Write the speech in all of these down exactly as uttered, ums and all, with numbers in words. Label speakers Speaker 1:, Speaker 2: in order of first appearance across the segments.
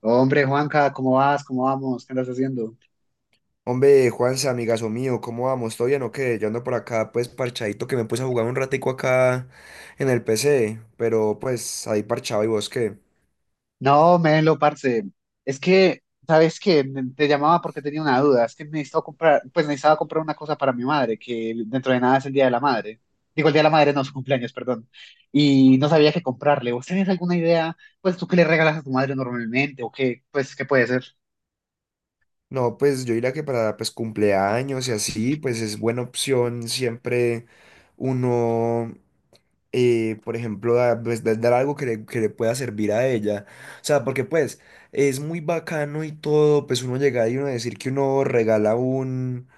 Speaker 1: Hombre, Juanca, ¿cómo vas? ¿Cómo vamos? ¿Qué andas haciendo?
Speaker 2: Hombre, Juanse, amigazo mío, ¿cómo vamos? ¿Todo bien o qué? Yo ando por acá, pues, parchadito, que me puse a jugar un ratico acá en el P C, pero, pues, ahí parchado, ¿y vos qué?
Speaker 1: No, Melo, parce. Es que, ¿sabes qué? N- Te llamaba porque tenía una duda. Es que necesitaba comprar, pues necesitaba comprar una cosa para mi madre, que dentro de nada es el Día de la Madre. Digo, el Día de la Madre no, su cumpleaños, perdón. Y no sabía qué comprarle. ¿Vos tenés alguna idea? Pues tú qué le regalas a tu madre normalmente o qué, pues, qué puede ser.
Speaker 2: No, pues, yo diría que para, pues, cumpleaños y así, pues, es buena opción siempre uno, eh, por ejemplo, da- pues, da- dar algo que le, que le pueda servir a ella. O sea, porque, pues, es muy bacano y todo, pues, uno llega y uno decir que uno regala un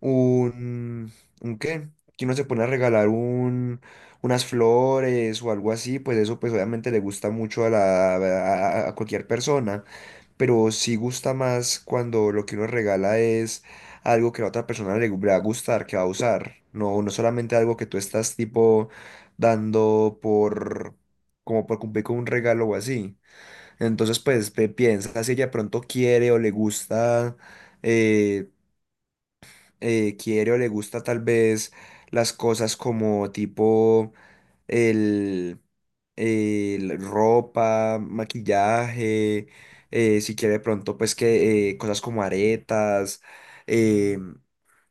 Speaker 2: un, ¿un qué? Que uno se pone a regalar un, unas flores o algo así, pues eso pues obviamente le gusta mucho a la, a, a cualquier persona, pero sí gusta más cuando lo que uno regala es algo que a la otra persona le, gu- le va a gustar, que va a usar, no, no solamente algo que tú estás tipo dando por... como por cumplir con un regalo o así. Entonces, pues, pe- piensa si ella pronto quiere o le gusta eh, eh, quiere o le gusta tal vez las cosas como tipo el, el ropa, maquillaje, eh, si quiere de pronto pues que eh, cosas como aretas, eh,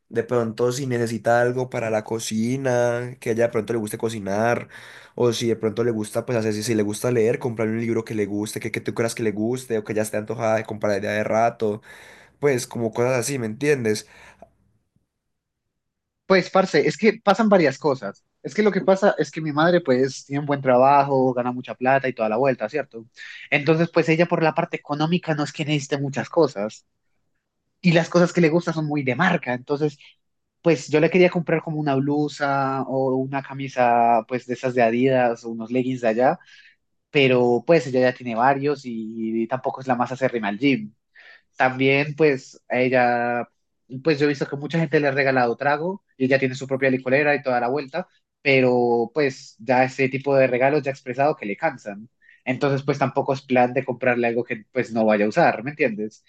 Speaker 2: de pronto si necesita algo para la cocina, que a ella de pronto le guste cocinar, o si de pronto le gusta pues hacer, si, si le gusta leer, comprarle un libro que le guste, que, que tú creas que le guste, o que ya esté antojada de comprar ya de rato, pues como cosas así, ¿me entiendes?
Speaker 1: Pues, parce, es que pasan varias cosas. Es que lo que pasa es que mi madre, pues, tiene un buen trabajo, gana mucha plata y toda la vuelta, ¿cierto? Entonces, pues, ella por la parte económica no es que necesite muchas cosas. Y las cosas que le gustan son muy de marca. Entonces, pues, yo le quería comprar como una blusa o una camisa, pues, de esas de Adidas o unos leggings de allá. Pero, pues, ella ya tiene varios y, y tampoco es la más acérrima al gym. También, pues, a ella, pues yo he visto que mucha gente le ha regalado trago y ella tiene su propia licorera y toda la vuelta, pero pues ya ese tipo de regalos ya ha expresado que le cansan. Entonces, pues tampoco es plan de comprarle algo que pues no vaya a usar, ¿me entiendes?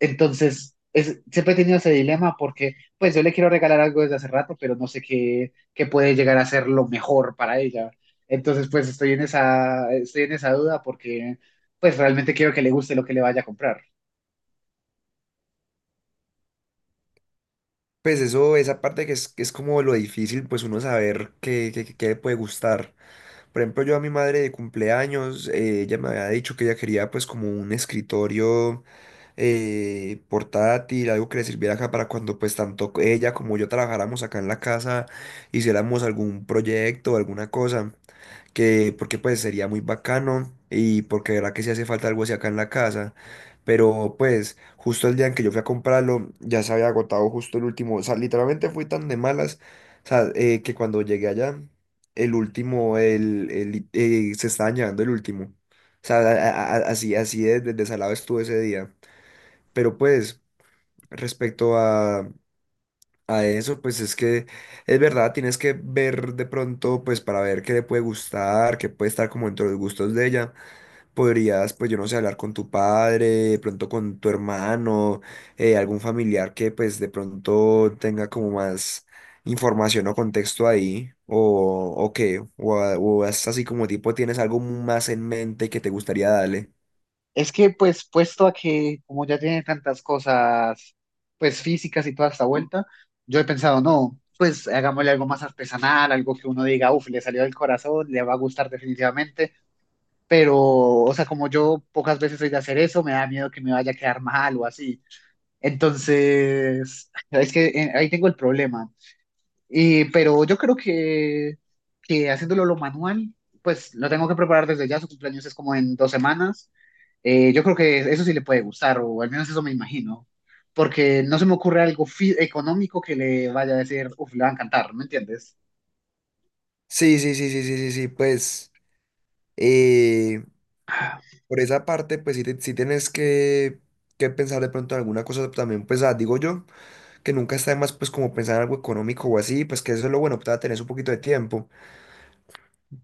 Speaker 1: Entonces, es, siempre he tenido ese dilema porque pues yo le quiero regalar algo desde hace rato, pero no sé qué, qué puede llegar a ser lo mejor para ella. Entonces, pues estoy en esa, estoy en esa duda porque pues realmente quiero que le guste lo que le vaya a comprar.
Speaker 2: Pues eso, esa parte que es, que es como lo difícil, pues uno saber qué, qué- qué- qué le puede gustar. Por ejemplo, yo a mi madre de cumpleaños, eh, ella me había dicho que ella quería pues como un escritorio eh, portátil, algo que le sirviera acá para cuando pues tanto ella como yo trabajáramos acá en la casa, hiciéramos algún proyecto, alguna cosa que porque pues sería muy bacano y porque de verdad que si hace falta algo así acá en la casa, pero pues justo el día en que yo fui a comprarlo ya se había agotado justo el último, o sea, literalmente fui tan de malas, o sea, eh, que cuando llegué allá, el último, el, el- eh, se estaba llevando el último, o sea, a- a- a- así, así de, de desalado estuve ese día, pero pues respecto a a eso, pues es que es verdad, tienes que ver de pronto, pues para ver qué le puede gustar, qué puede estar como dentro de los gustos de ella, podrías, pues yo no sé, hablar con tu padre, de pronto con tu hermano, eh, algún familiar que pues de pronto tenga como más información o contexto ahí, o, o qué, o, a- o es así como tipo tienes algo más en mente que te gustaría darle.
Speaker 1: Es que pues puesto a que como ya tiene tantas cosas pues físicas y toda esta vuelta, yo he pensado, no, pues hagámosle algo más artesanal, algo que uno diga, uff, le salió del corazón, le va a gustar definitivamente, pero o sea, como yo pocas veces soy de hacer eso, me da miedo que me vaya a quedar mal o así. Entonces, es que eh, ahí tengo el problema. Y, pero yo creo que, que haciéndolo lo manual, pues lo tengo que preparar desde ya. Su cumpleaños es como en dos semanas. Eh, yo creo que eso sí le puede gustar, o al menos eso me imagino, porque no se me ocurre algo fi- económico que le vaya a decir, uff, le va a encantar, ¿me entiendes?
Speaker 2: Sí, sí, sí, sí, sí, sí, sí. pues... Por esa parte, pues sí, te- sí tienes que, que pensar de pronto en alguna cosa también, pues ah, digo yo, que nunca está de más pues como pensar en algo económico o así, pues que eso es lo bueno, pues tener un poquito de tiempo,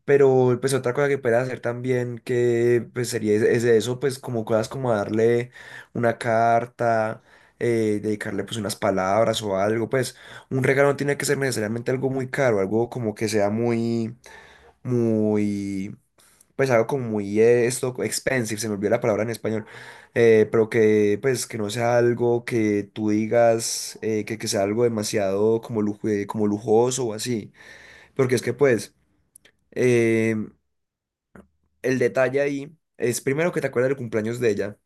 Speaker 2: pero pues otra cosa que puedes hacer también que pues sería es, es eso, pues como cosas como darle una carta, eh, dedicarle pues unas palabras o algo, pues un regalo no tiene que ser necesariamente algo muy caro, algo como que sea muy, muy pues algo como muy eh, esto, expensive, se me olvidó la palabra en español, eh, pero que pues que no sea algo que tú digas, eh, que, que sea algo demasiado como, lujo, eh, como lujoso o así, porque es que pues eh, el detalle ahí es primero que te acuerdes del cumpleaños de ella.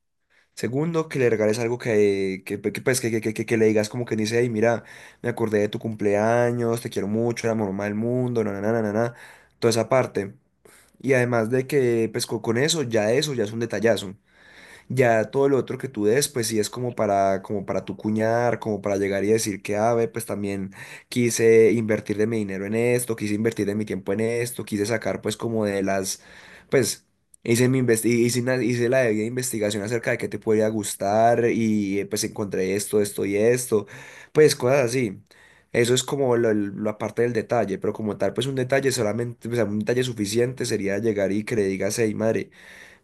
Speaker 2: Segundo, que le regales algo que, que, que, pues, que, que, que, que- que le digas como que dice, hey, mira, me acordé de tu cumpleaños, te quiero mucho, eres la mamá del mundo, na, na, na, na, na, na, toda esa parte. Y además de que, pues co- con eso, ya eso ya es un detallazo. Ya todo lo otro que tú des, pues sí es como para, como para tu cuñar, como para llegar y decir que, ah, ve, pues también quise invertir de mi dinero en esto, quise invertir de mi tiempo en esto, quise sacar pues como de las, pues hice mi investi- hice, una- hice la debida investigación acerca de qué te podría gustar y eh, pues encontré esto, esto y esto, pues cosas así. Eso es como lo- lo- la parte del detalle, pero como tal, pues un detalle solamente, o sea, un detalle suficiente sería llegar y que le digas, hey, madre.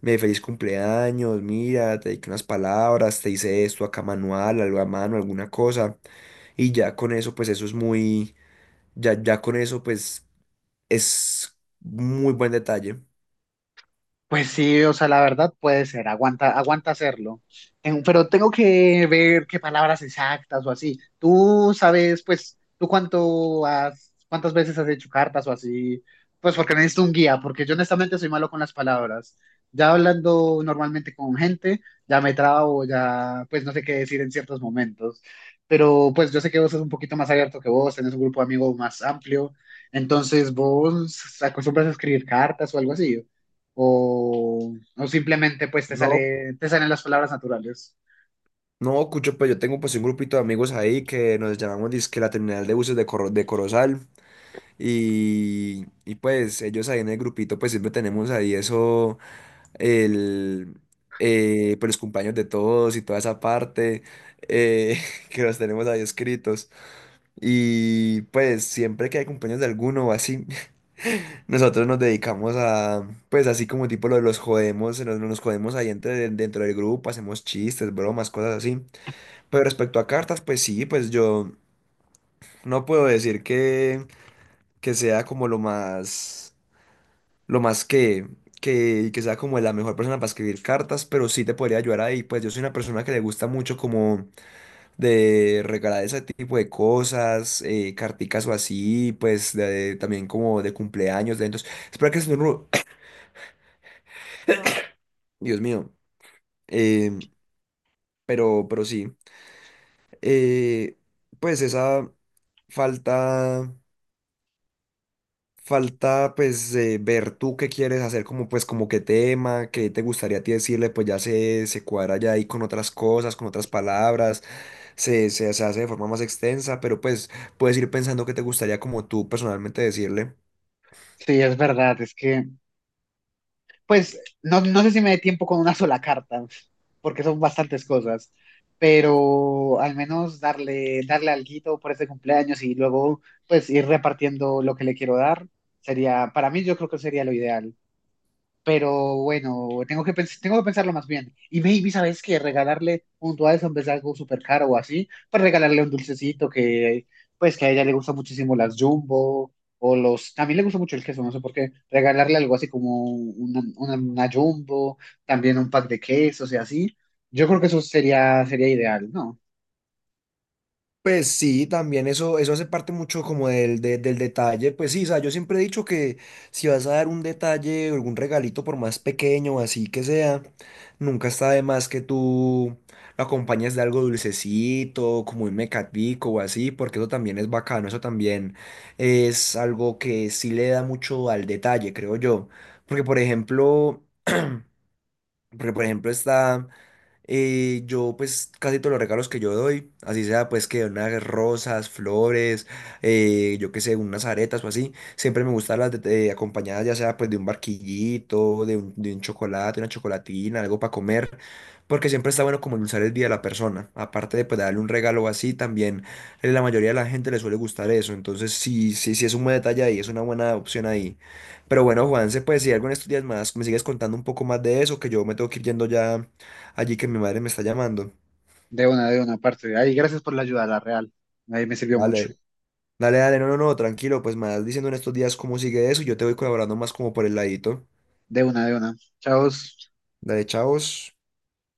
Speaker 2: Me dice feliz cumpleaños, mira, te dediqué unas palabras, te hice esto acá manual, algo a mano, alguna cosa. Y ya con eso, pues eso es muy, ya, ya con eso, pues es muy buen detalle.
Speaker 1: Pues sí, o sea, la verdad puede ser, aguanta, aguanta hacerlo. En- pero tengo que ver qué palabras exactas o así. Tú sabes, pues, tú cuánto has, cuántas veces has hecho cartas o así, pues porque necesito un guía, porque yo honestamente soy malo con las palabras. Ya hablando normalmente con gente, ya me trabo, ya, pues no sé qué decir en ciertos momentos. Pero pues yo sé que vos sos un poquito más abierto que vos, tenés un grupo de amigos más amplio, entonces vos acostumbras a escribir cartas o algo así o, o simplemente pues te
Speaker 2: No,
Speaker 1: sale, te salen las palabras naturales.
Speaker 2: no, Cucho, pues yo tengo pues un grupito de amigos ahí que nos llamamos dizque la terminal de buses de, Corro- de Corozal. Y, y pues ellos ahí en el grupito, pues siempre tenemos ahí eso el, eh, pues los cumpleaños de todos y toda esa parte eh, que los tenemos ahí escritos. Y pues siempre que hay cumpleaños de alguno o así, nosotros nos dedicamos a, pues así como tipo lo de los jodemos, nos, nos jodemos ahí entre, dentro del grupo, hacemos chistes, bromas, cosas así. Pero respecto a cartas, pues sí, pues yo no puedo decir que, que sea como lo más... lo más que, que, que sea como la mejor persona para escribir cartas, pero sí te podría ayudar ahí. Pues yo soy una persona que le gusta mucho como de regalar ese tipo de cosas, eh, carticas o así, pues de- también como de cumpleaños, de eventos. Espera que se me... enru- Dios mío. Eh, pero, pero sí. Eh, pues esa falta. Falta, pues, eh, ver tú qué quieres hacer, como pues como qué tema, qué te gustaría a ti decirle, pues ya se, se cuadra ya ahí con otras cosas, con otras palabras, se, se, se hace de forma más extensa, pero pues puedes ir pensando qué te gustaría como tú personalmente decirle.
Speaker 1: Sí, es verdad, es que pues no, no sé si me dé tiempo con una sola carta, porque son bastantes cosas, pero al menos darle, darle alguito por este cumpleaños y luego pues ir repartiendo lo que le quiero dar, sería, para mí yo creo que sería lo ideal. Pero bueno, tengo que, pens- tengo que pensarlo más bien. Y maybe, ¿sabes que Regalarle un dulce en vez de algo súper caro o así, pues regalarle un dulcecito que, pues que a ella le gusta muchísimo las Jumbo o los... También le gusta mucho el queso, no sé por qué. Regalarle algo así como una, una, una Jumbo, también un pack de quesos y así. Yo creo que eso sería, sería ideal, ¿no?
Speaker 2: Pues sí, también eso, eso hace parte mucho como del, de- del detalle. Pues sí, o sea, yo siempre he dicho que si vas a dar un detalle, o algún regalito, por más pequeño, o así que sea, nunca está de más que tú lo acompañes de algo dulcecito, como un mecatico o así, porque eso también es bacano, eso también es algo que sí le da mucho al detalle, creo yo. Porque, por ejemplo, Porque, por ejemplo, está. Eh, yo pues casi todos los regalos que yo doy, así sea pues que unas rosas, flores, eh, yo qué sé, unas aretas o así, siempre me gustan las de- de- acompañadas ya sea pues de un barquillito, de un, de un chocolate, una chocolatina, algo para comer, porque siempre está bueno como endulzar el día a la persona, aparte de pues darle un regalo así también, eh, la mayoría de la gente le suele gustar eso, entonces sí, sí, sí es un buen detalle ahí, es una buena opción ahí. Pero bueno, Juanse, pues si algo en estos días más me sigues contando un poco más de eso, que yo me tengo que ir yendo ya allí que mi madre me está llamando.
Speaker 1: De una, de una parte. Ay, gracias por la ayuda, la real. Ahí me sirvió mucho.
Speaker 2: Dale, dale, dale, no, no, no, tranquilo, pues me vas diciendo en estos días cómo sigue eso y yo te voy colaborando más como por el ladito.
Speaker 1: De una, de una. Chao.
Speaker 2: Dale, chavos.